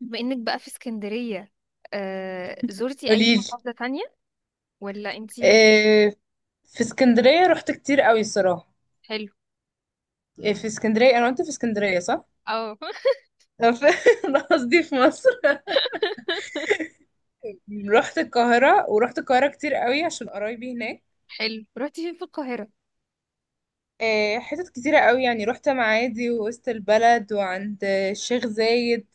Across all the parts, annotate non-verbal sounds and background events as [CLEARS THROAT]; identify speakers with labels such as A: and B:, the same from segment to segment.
A: بما انك بقى في اسكندرية، زرتي اي
B: قوليلي.
A: محافظة تانية ولا انتي؟
B: آه، في اسكندرية رحت كتير قوي الصراحة.
A: حلو.
B: آه، في اسكندرية أنا وأنت في اسكندرية صح؟
A: اه [LAUGHS]
B: أنا في- [LAUGHS] أنا قصدي في مصر. رحت القاهرة، ورحت القاهرة كتير قوي عشان قرايبي هناك.
A: حلو، روحتي فين في القاهرة؟
B: آه، حتت كتيرة قوي، يعني رحت معادي ووسط البلد وعند الشيخ زايد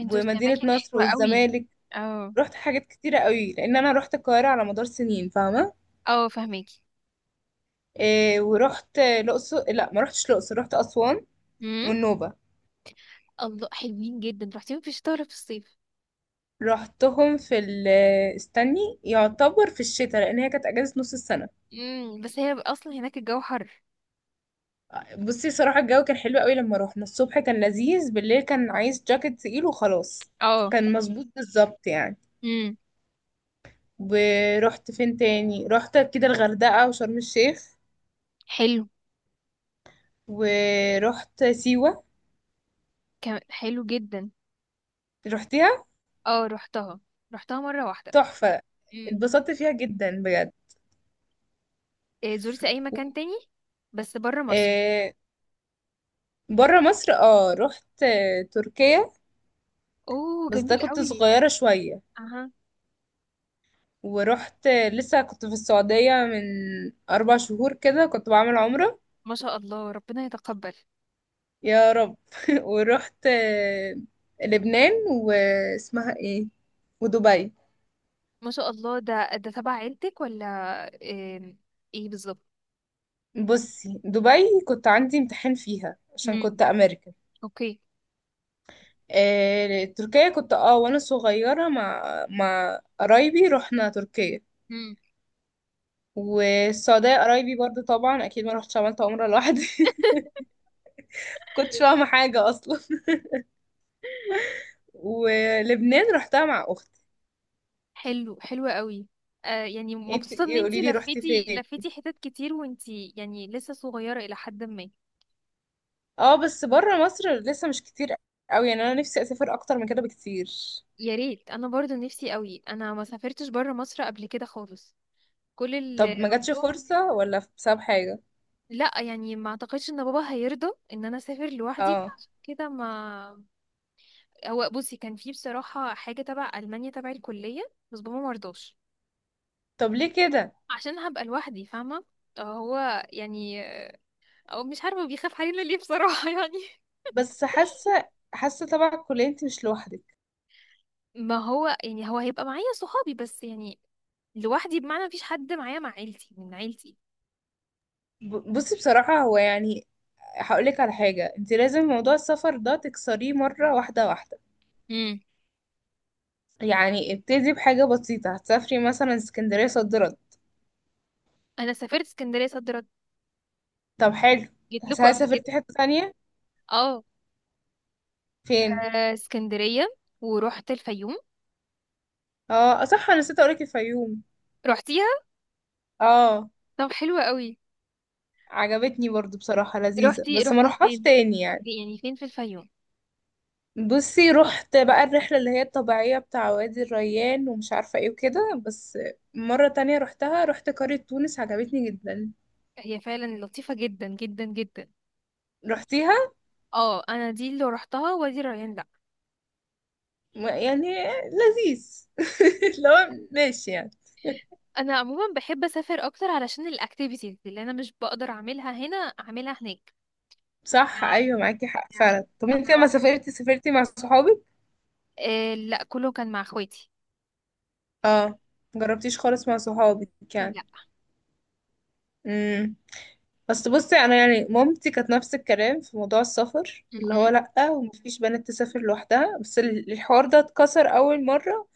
A: انت زرتي
B: ومدينة
A: اماكن
B: نصر
A: حلوة قوي.
B: والزمالك.
A: اه،
B: رحت حاجات كتيرة قوي لأن أنا رحت القاهرة على مدار سنين، فاهمة؟
A: اه، فهماكي.
B: آه، ورحت الأقصر. لأ، ما رحتش الأقصر، رحت أسوان
A: امم.
B: والنوبة.
A: الله، حلوين جدا. روحتي فين، في الشتاء ولا في الصيف؟
B: رحتهم في ال استني، يعتبر في الشتاء لان هي كانت اجازه نص السنه.
A: بس هي اصلا هناك الجو حر.
B: بصي صراحه الجو كان حلو قوي، لما روحنا الصبح كان لذيذ، بالليل كان عايز جاكيت تقيل وخلاص.
A: اه.
B: كان مظبوط بالظبط يعني.
A: امم.
B: ورحت فين تاني؟ رحت كده الغردقه وشرم الشيخ،
A: حلو.
B: ورحت سيوه.
A: حلو جدا.
B: رحتيها؟
A: اه، روحتها. روحتها مرة واحدة.
B: تحفه.
A: امم.
B: اتبسطت فيها جدا بجد.
A: زرتي اي مكان تاني، بس برا مصر؟
B: آه. بره مصر، اه رحت تركيا،
A: اوه،
B: بس ده
A: جميل
B: كنت
A: قوي.
B: صغيره شويه.
A: اها.
B: ورحت، لسه كنت في السعودية من 4 شهور كده، كنت بعمل عمرة.
A: ما شاء الله، ربنا يتقبل.
B: يا رب. [LAUGHS] ورحت لبنان، واسمها ايه، ودبي.
A: ما شاء الله، ده تبع عيلتك ولا؟ آم، ايه بالظبط؟
B: بصي دبي كنت عندي امتحان فيها عشان
A: امم.
B: كنت امريكان.
A: اوكي.
B: آه، تركيا كنت وانا صغيرة مع مع قرايبي رحنا تركيا.
A: امم.
B: والسعودية قرايبي برضو طبعا، اكيد ما رحتش عملت عمرة لوحدي. [LAUGHS] كنتش فاهمة حاجة اصلا. ولبنان رحتها مع اختي.
A: حلو، حلو قوي. يعني
B: انتي
A: مبسوطة ان
B: ايه؟ قولي
A: انتي
B: لي رحتي
A: لفيتي
B: فين.
A: لفيتي حتت كتير، وانتي يعني لسه صغيرة الى حد ما.
B: اه بس بره مصر لسه مش كتير قوي يعني، انا نفسي اسافر اكتر من كده بكتير.
A: يا ريت، انا برضو نفسي قوي. انا ما سافرتش بره مصر قبل كده خالص. كل
B: طب ما جاتش
A: الموضوع...
B: فرصة ولا بسبب حاجة؟
A: لا، يعني ما اعتقدش ان بابا هيرضى ان انا اسافر لوحدي،
B: اه.
A: فعشان كده ما... هو بصي، كان في بصراحة حاجة تبع ألمانيا، تبع الكلية. بس بابا مرضاش.
B: طب ليه كده؟
A: عشان هبقى لوحدي، فاهمة؟ هو يعني، او مش عارفة بيخاف علينا ليه بصراحة [LAUGHS] يعني.
B: بس حاسة، حاسة طبعا الكلية انت مش لوحدك.
A: ما هو يعني، هو هيبقى معايا صحابي بس، يعني لوحدي بمعنى مفيش حد معايا، مع عيلتي، من عيلتي.
B: بصي بصراحة هو يعني هقولك على حاجة، انت لازم موضوع السفر ده تكسريه مرة واحدة واحدة.
A: امم.
B: يعني ابتدي بحاجة بسيطة، هتسافري مثلا اسكندرية صد رد.
A: انا سافرت اسكندرية صد رد،
B: طب حلو.
A: جيت لكم
B: هل
A: قبل كده.
B: سافرتي حتة تانية؟
A: اه.
B: فين؟
A: اسكندرية، ورحت الفيوم.
B: اه صح، انا نسيت اقولك الفيوم.
A: رحتيها؟
B: اه.
A: طب، حلوة قوي.
B: عجبتني برضو بصراحة، لذيذة
A: رحتي
B: بس ما
A: رحتي
B: روحهاش
A: فين؟
B: تاني يعني.
A: يعني فين في الفيوم؟
B: بصي رحت بقى الرحلة اللي هي الطبيعية بتاع وادي الريان ومش عارفة ايه وكده، بس مرة تانية رحتها رحت قرية تونس، عجبتني جدا.
A: هي فعلا لطيفة جدا جدا جدا.
B: رحتيها؟
A: اه، انا دي اللي رحتها، وادي الريان، لا.
B: يعني لذيذ. [LAUGHS] لو ماشي يعني.
A: انا عموما بحب اسافر اكتر، علشان الاكتيفيتيز اللي انا مش بقدر اعملها هنا اعملها هناك.
B: صح
A: يعني
B: ايوه معاكي حق فعلا. طب
A: انا
B: انت لما
A: رحت...
B: سافرتي، سافرتي مع صحابك؟
A: لا، كله كان مع اخواتي.
B: اه. مجربتيش خالص مع صحابك يعني؟
A: لا.
B: امم. بس بصي انا يعني مامتي كانت نفس الكلام في موضوع السفر، اللي هو
A: مهم.
B: لأ ومفيش بنت تسافر لوحدها، بس الحوار ده اتكسر اول مرة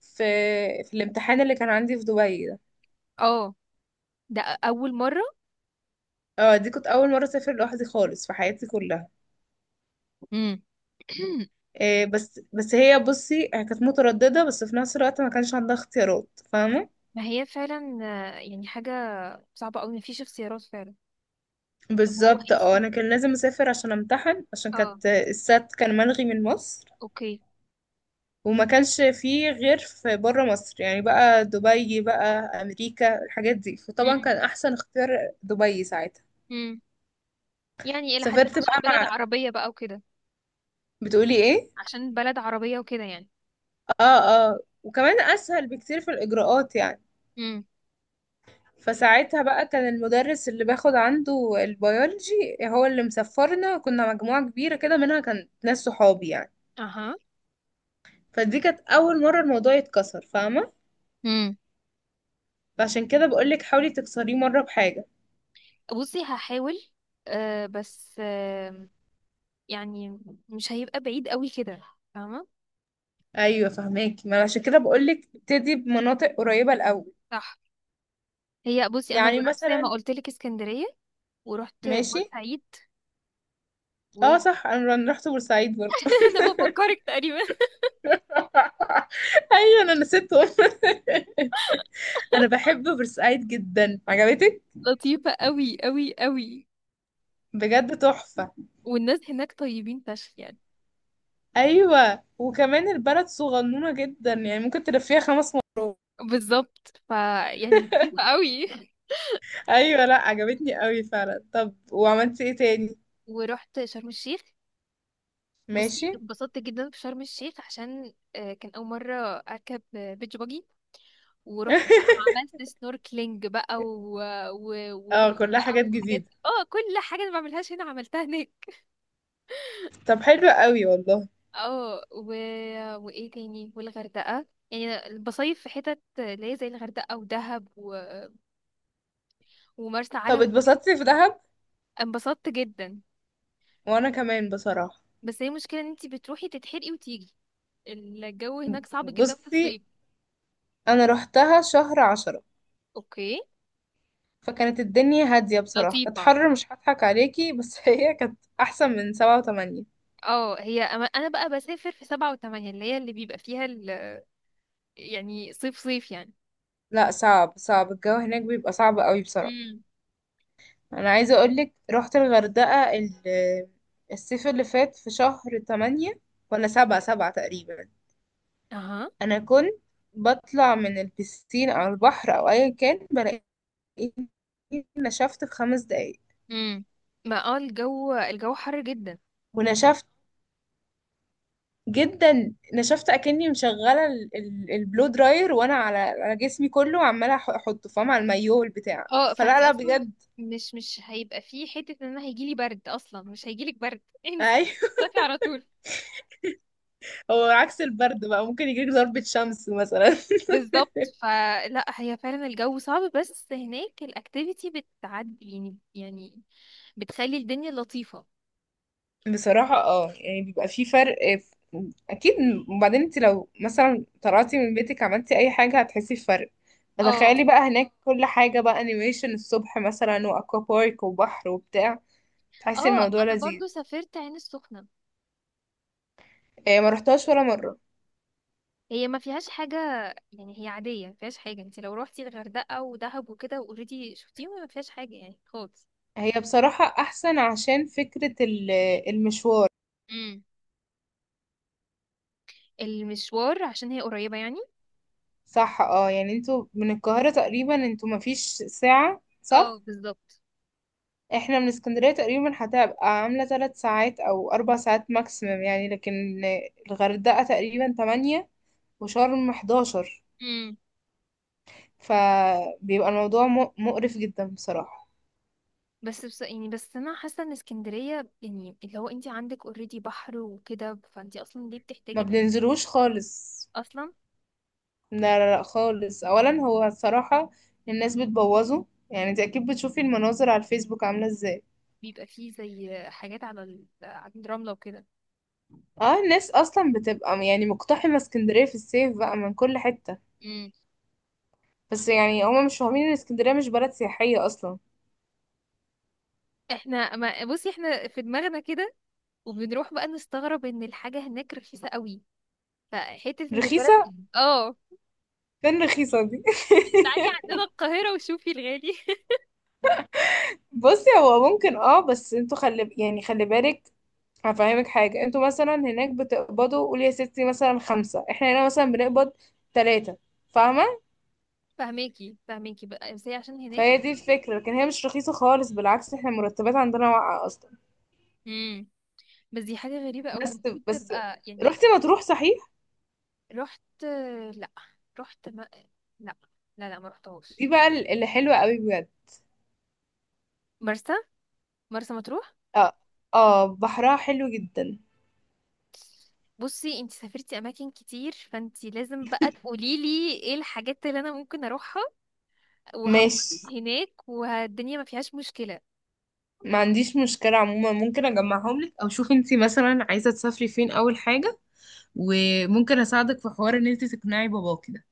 B: في في الامتحان اللي كان عندي في دبي ده.
A: اه، ده اول مره.
B: اه دي كنت اول مرة اسافر لوحدي خالص في حياتي كلها.
A: مم. [CLEARS THROAT]
B: إيه، بس هي، بصي هي كانت مترددة بس في نفس الوقت ما كانش عندها اختيارات، فاهمة؟
A: ما هي فعلا. يعني حاجه صعبه قوي، مفيش اختيارات فعلا. طب هو
B: بالظبط.
A: انت
B: اه
A: [LAUGHS]
B: انا كان لازم اسافر عشان امتحن، عشان
A: اه.
B: كانت السات كان ملغي من مصر
A: اوكي.
B: وما كانش فيه غير في بره مصر يعني، بقى دبي بقى امريكا الحاجات دي، فطبعا
A: مم.
B: كان احسن اختيار دبي ساعتها.
A: مم. يعني الى حد ما،
B: سافرت
A: عشان
B: بقى
A: بلد
B: مع،
A: عربيه بقى وكده.
B: بتقولي ايه؟
A: عشان بلد عربيه وكده، يعني.
B: اه. اه وكمان اسهل بكتير في الاجراءات يعني.
A: مم.
B: فساعتها بقى كان المدرس اللي باخد عنده البيولوجي هو اللي مسفرنا، كنا مجموعة كبيرة كده منها كان ناس صحابي يعني.
A: اها.
B: فدي كانت اول مرة الموضوع يتكسر، فاهمة؟ فعشان كده بقولك حاولي تكسريه مرة بحاجة.
A: بصي هحاول. بس يعني مش هيبقى بعيد قوي كده، فاهمة؟
B: ايوه فهماكي، ما أنا عشان كده بقول لك ابتدي بمناطق قريبه الاول.
A: صح. هي بصي انا
B: يعني
A: جربت زي ما
B: مثلا.
A: قلت لك اسكندرية، ورحت
B: ماشي.
A: بورسعيد و... [LAUGHS]
B: اه صح، أنا رحت بورسعيد برضه.
A: انا بفكرك تقريبا.
B: [LAUGHS] ايوه انا نسيتهم. [LAUGHS] انا بحب بورسعيد جدا. عجبتك؟
A: لطيفة قوي قوي قوي.
B: بجد تحفه.
A: والناس هناك طيبين فشخ يعني.
B: ايوه وكمان البلد صغنونه جدا يعني، ممكن تلفيها 5 مرات.
A: بالظبط، يعني لطيفة
B: [LAUGHS]
A: قوي.
B: ايوه لا عجبتني قوي فعلا. طب وعملتي ايه تاني؟
A: ورحت شرم الشيخ.
B: ماشي.
A: بصي اتبسطت جدا في شرم الشيخ، عشان كان اول مرة اركب بيتش باجي. ورحت بقى، عملت
B: [LAUGHS]
A: سنوركلينج بقى و... و...
B: اه كلها
A: بقى
B: حاجات
A: وحاجات.
B: جديده.
A: اه، كل حاجة أنا ما بعملهاش هنا عملتها هناك.
B: طب حلو قوي والله.
A: اه، وايه تاني؟ والغردقة، يعني أنا بصيف في حتت اللي هي زي الغردقة ودهب ومرسى
B: طب
A: علم.
B: اتبسطتي في دهب؟
A: انبسطت جدا.
B: وانا كمان بصراحة.
A: بس هي المشكلة ان انتي بتروحي تتحرقي وتيجي، الجو هناك صعب جدا في
B: بصي
A: الصيف.
B: انا رحتها شهر 10،
A: اوكي.
B: فكانت الدنيا هادية بصراحة. كانت
A: لطيفة.
B: حر مش هضحك عليكي بس [LAUGHS] هي كانت احسن من 7 و8.
A: اه، انا بقى بسافر في سبعة وثمانية، اللي هي اللي بيبقى فيها ال... يعني صيف صيف يعني.
B: لا صعب، صعب الجو هناك بيبقى صعب قوي بصراحة.
A: امم.
B: انا عايزة اقولك رحت الغردقة الصيف اللي فات في شهر 8، ولا 7، 7 تقريبا.
A: اها.
B: انا كنت بطلع من البسين او البحر او ايا كان بلاقي نشفت في 5 دقايق.
A: امم. ما الجو حر جدا.
B: ونشفت جدا، نشفت اكني مشغله البلو دراير وانا على جسمي كله، عماله احطه، فاهم، على المايوه والبتاع،
A: اه،
B: فلا
A: فانتي
B: لا
A: اصلا
B: بجد.
A: مش هيبقى فيه حتة ان انا هيجيلي برد، اصلا مش هيجيلك برد [LAUGHS]
B: [LAUGHS]
A: انسي.
B: ايوه.
A: تطلعي على طول.
B: هو عكس البرد بقى، ممكن يجيلك ضربة شمس مثلا. [LAUGHS]
A: بالظبط، فلا هي فعلا الجو صعب، بس هناك الاكتيفيتي بتعدي، يعني بتخلي الدنيا لطيفة.
B: بصراحة اه يعني بيبقى في فرق في، اكيد. وبعدين انت لو مثلا طلعتي من بيتك عملتي اي حاجة هتحسي بفرق،
A: اه.
B: فتخيلي بقى هناك كل حاجة بقى انيميشن الصبح مثلا، واكوا بارك وبحر وبتاع، تحسي
A: اه،
B: الموضوع
A: انا
B: لذيذ.
A: برضو سافرت عين السخنة.
B: إيه، ما رحتهاش ولا مرة.
A: هي ما فيهاش حاجة. يعني هي عادية ما فيهاش حاجة. انت لو روحتي الغردقة ودهب وكده اوريدي شفتيهم، ما فيهاش حاجة يعني خالص.
B: هي بصراحة أحسن عشان فكرة المشوار.
A: المشوار، عشان هي قريبة يعني.
B: صح، اه يعني انتوا من القاهرة تقريبا انتوا مفيش ساعة صح؟
A: اه، بالظبط.
B: احنا من اسكندرية تقريبا هتبقى عاملة 3 ساعات أو 4 ساعات ماكسيمم يعني، لكن الغردقة تقريبا 8 وشرم 11.
A: امم.
B: فبيبقى الموضوع مقرف جدا بصراحة.
A: بس يعني، بس انا حاسه ان اسكندريه، يعني اللي هو انت عندك اوريدي بحر وكده، فانت اصلا ليه
B: ما
A: بتحتاجي بحر؟
B: بننزلوش خالص.
A: اصلا.
B: لا لا لا خالص. أولا هو الصراحة الناس بتبوظه، يعني انت أكيد بتشوفي المناظر على الفيسبوك عاملة ازاي.
A: بيبقى فيه زي حاجات على الرمله وكده.
B: اه الناس اصلا بتبقى يعني مقتحمه اسكندريه في الصيف بقى من كل حته.
A: امم.
B: بس يعني هما مش فاهمين ان اسكندريه مش بلد سياحيه اصلا.
A: احنا، ما بصي، احنا في دماغنا كده. وبنروح بقى نستغرب ان الحاجه هناك رخيصه قوي، فحته ان البلد.
B: رخيصه؟
A: اه.
B: فين رخيصه دي؟
A: تعالي عندنا القاهره، وشوفي الغالي [LAUGHS]
B: [LAUGHS] بصي هو ممكن اه، بس انتوا خلي يعني خلي بالك، هفهمك حاجه. انتوا مثلا هناك بتقبضوا قول يا ستي مثلا 5، احنا هنا مثلا بنقبض 3، فاهمه؟
A: فهماكي فهماكي بقى، بس هي عشان هناك.
B: فهي دي الفكره، لكن هي مش رخيصه خالص، بالعكس احنا المرتبات عندنا واقعه اصلا.
A: امم. بس دي حاجة غريبة قوي،
B: بس
A: المفروض
B: بس
A: تبقى يعني.
B: رحتي مطروح صحيح؟
A: رحت. لا، رحت ما... لا، لا، لا، ما رحتهاش.
B: دي بقى اللي حلوه قوي بجد.
A: مرسى مرسى مطروح.
B: اه. اه بحرها حلو جدا.
A: بصي انتي سافرتي اماكن كتير، فانتي لازم بقى تقولي لي ايه الحاجات اللي انا ممكن اروحها
B: ماشي،
A: وهنبسط هناك، والدنيا ما فيهاش مشكلة.
B: ما عنديش مشكلة عموما. ممكن اجمعهم لك، او شوفي انتي مثلا عايزة تسافري فين اول حاجة، وممكن اساعدك في حوار ان انتي تقنعي باباكي ده.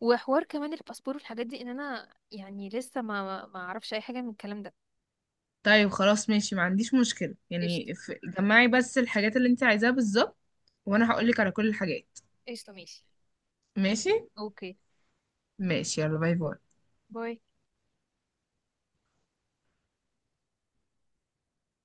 A: وحوار كمان الباسبور والحاجات دي، ان انا يعني لسه ما اعرفش اي حاجة من الكلام ده.
B: طيب خلاص ماشي ما عنديش مشكلة
A: قشطة.
B: يعني جمعي بس الحاجات اللي انتي عايزاها بالظبط وانا هقولك على كل الحاجات.
A: قشطة، ماشي.
B: ماشي.
A: اوكي.
B: ماشي، يلا باي باي.
A: باي.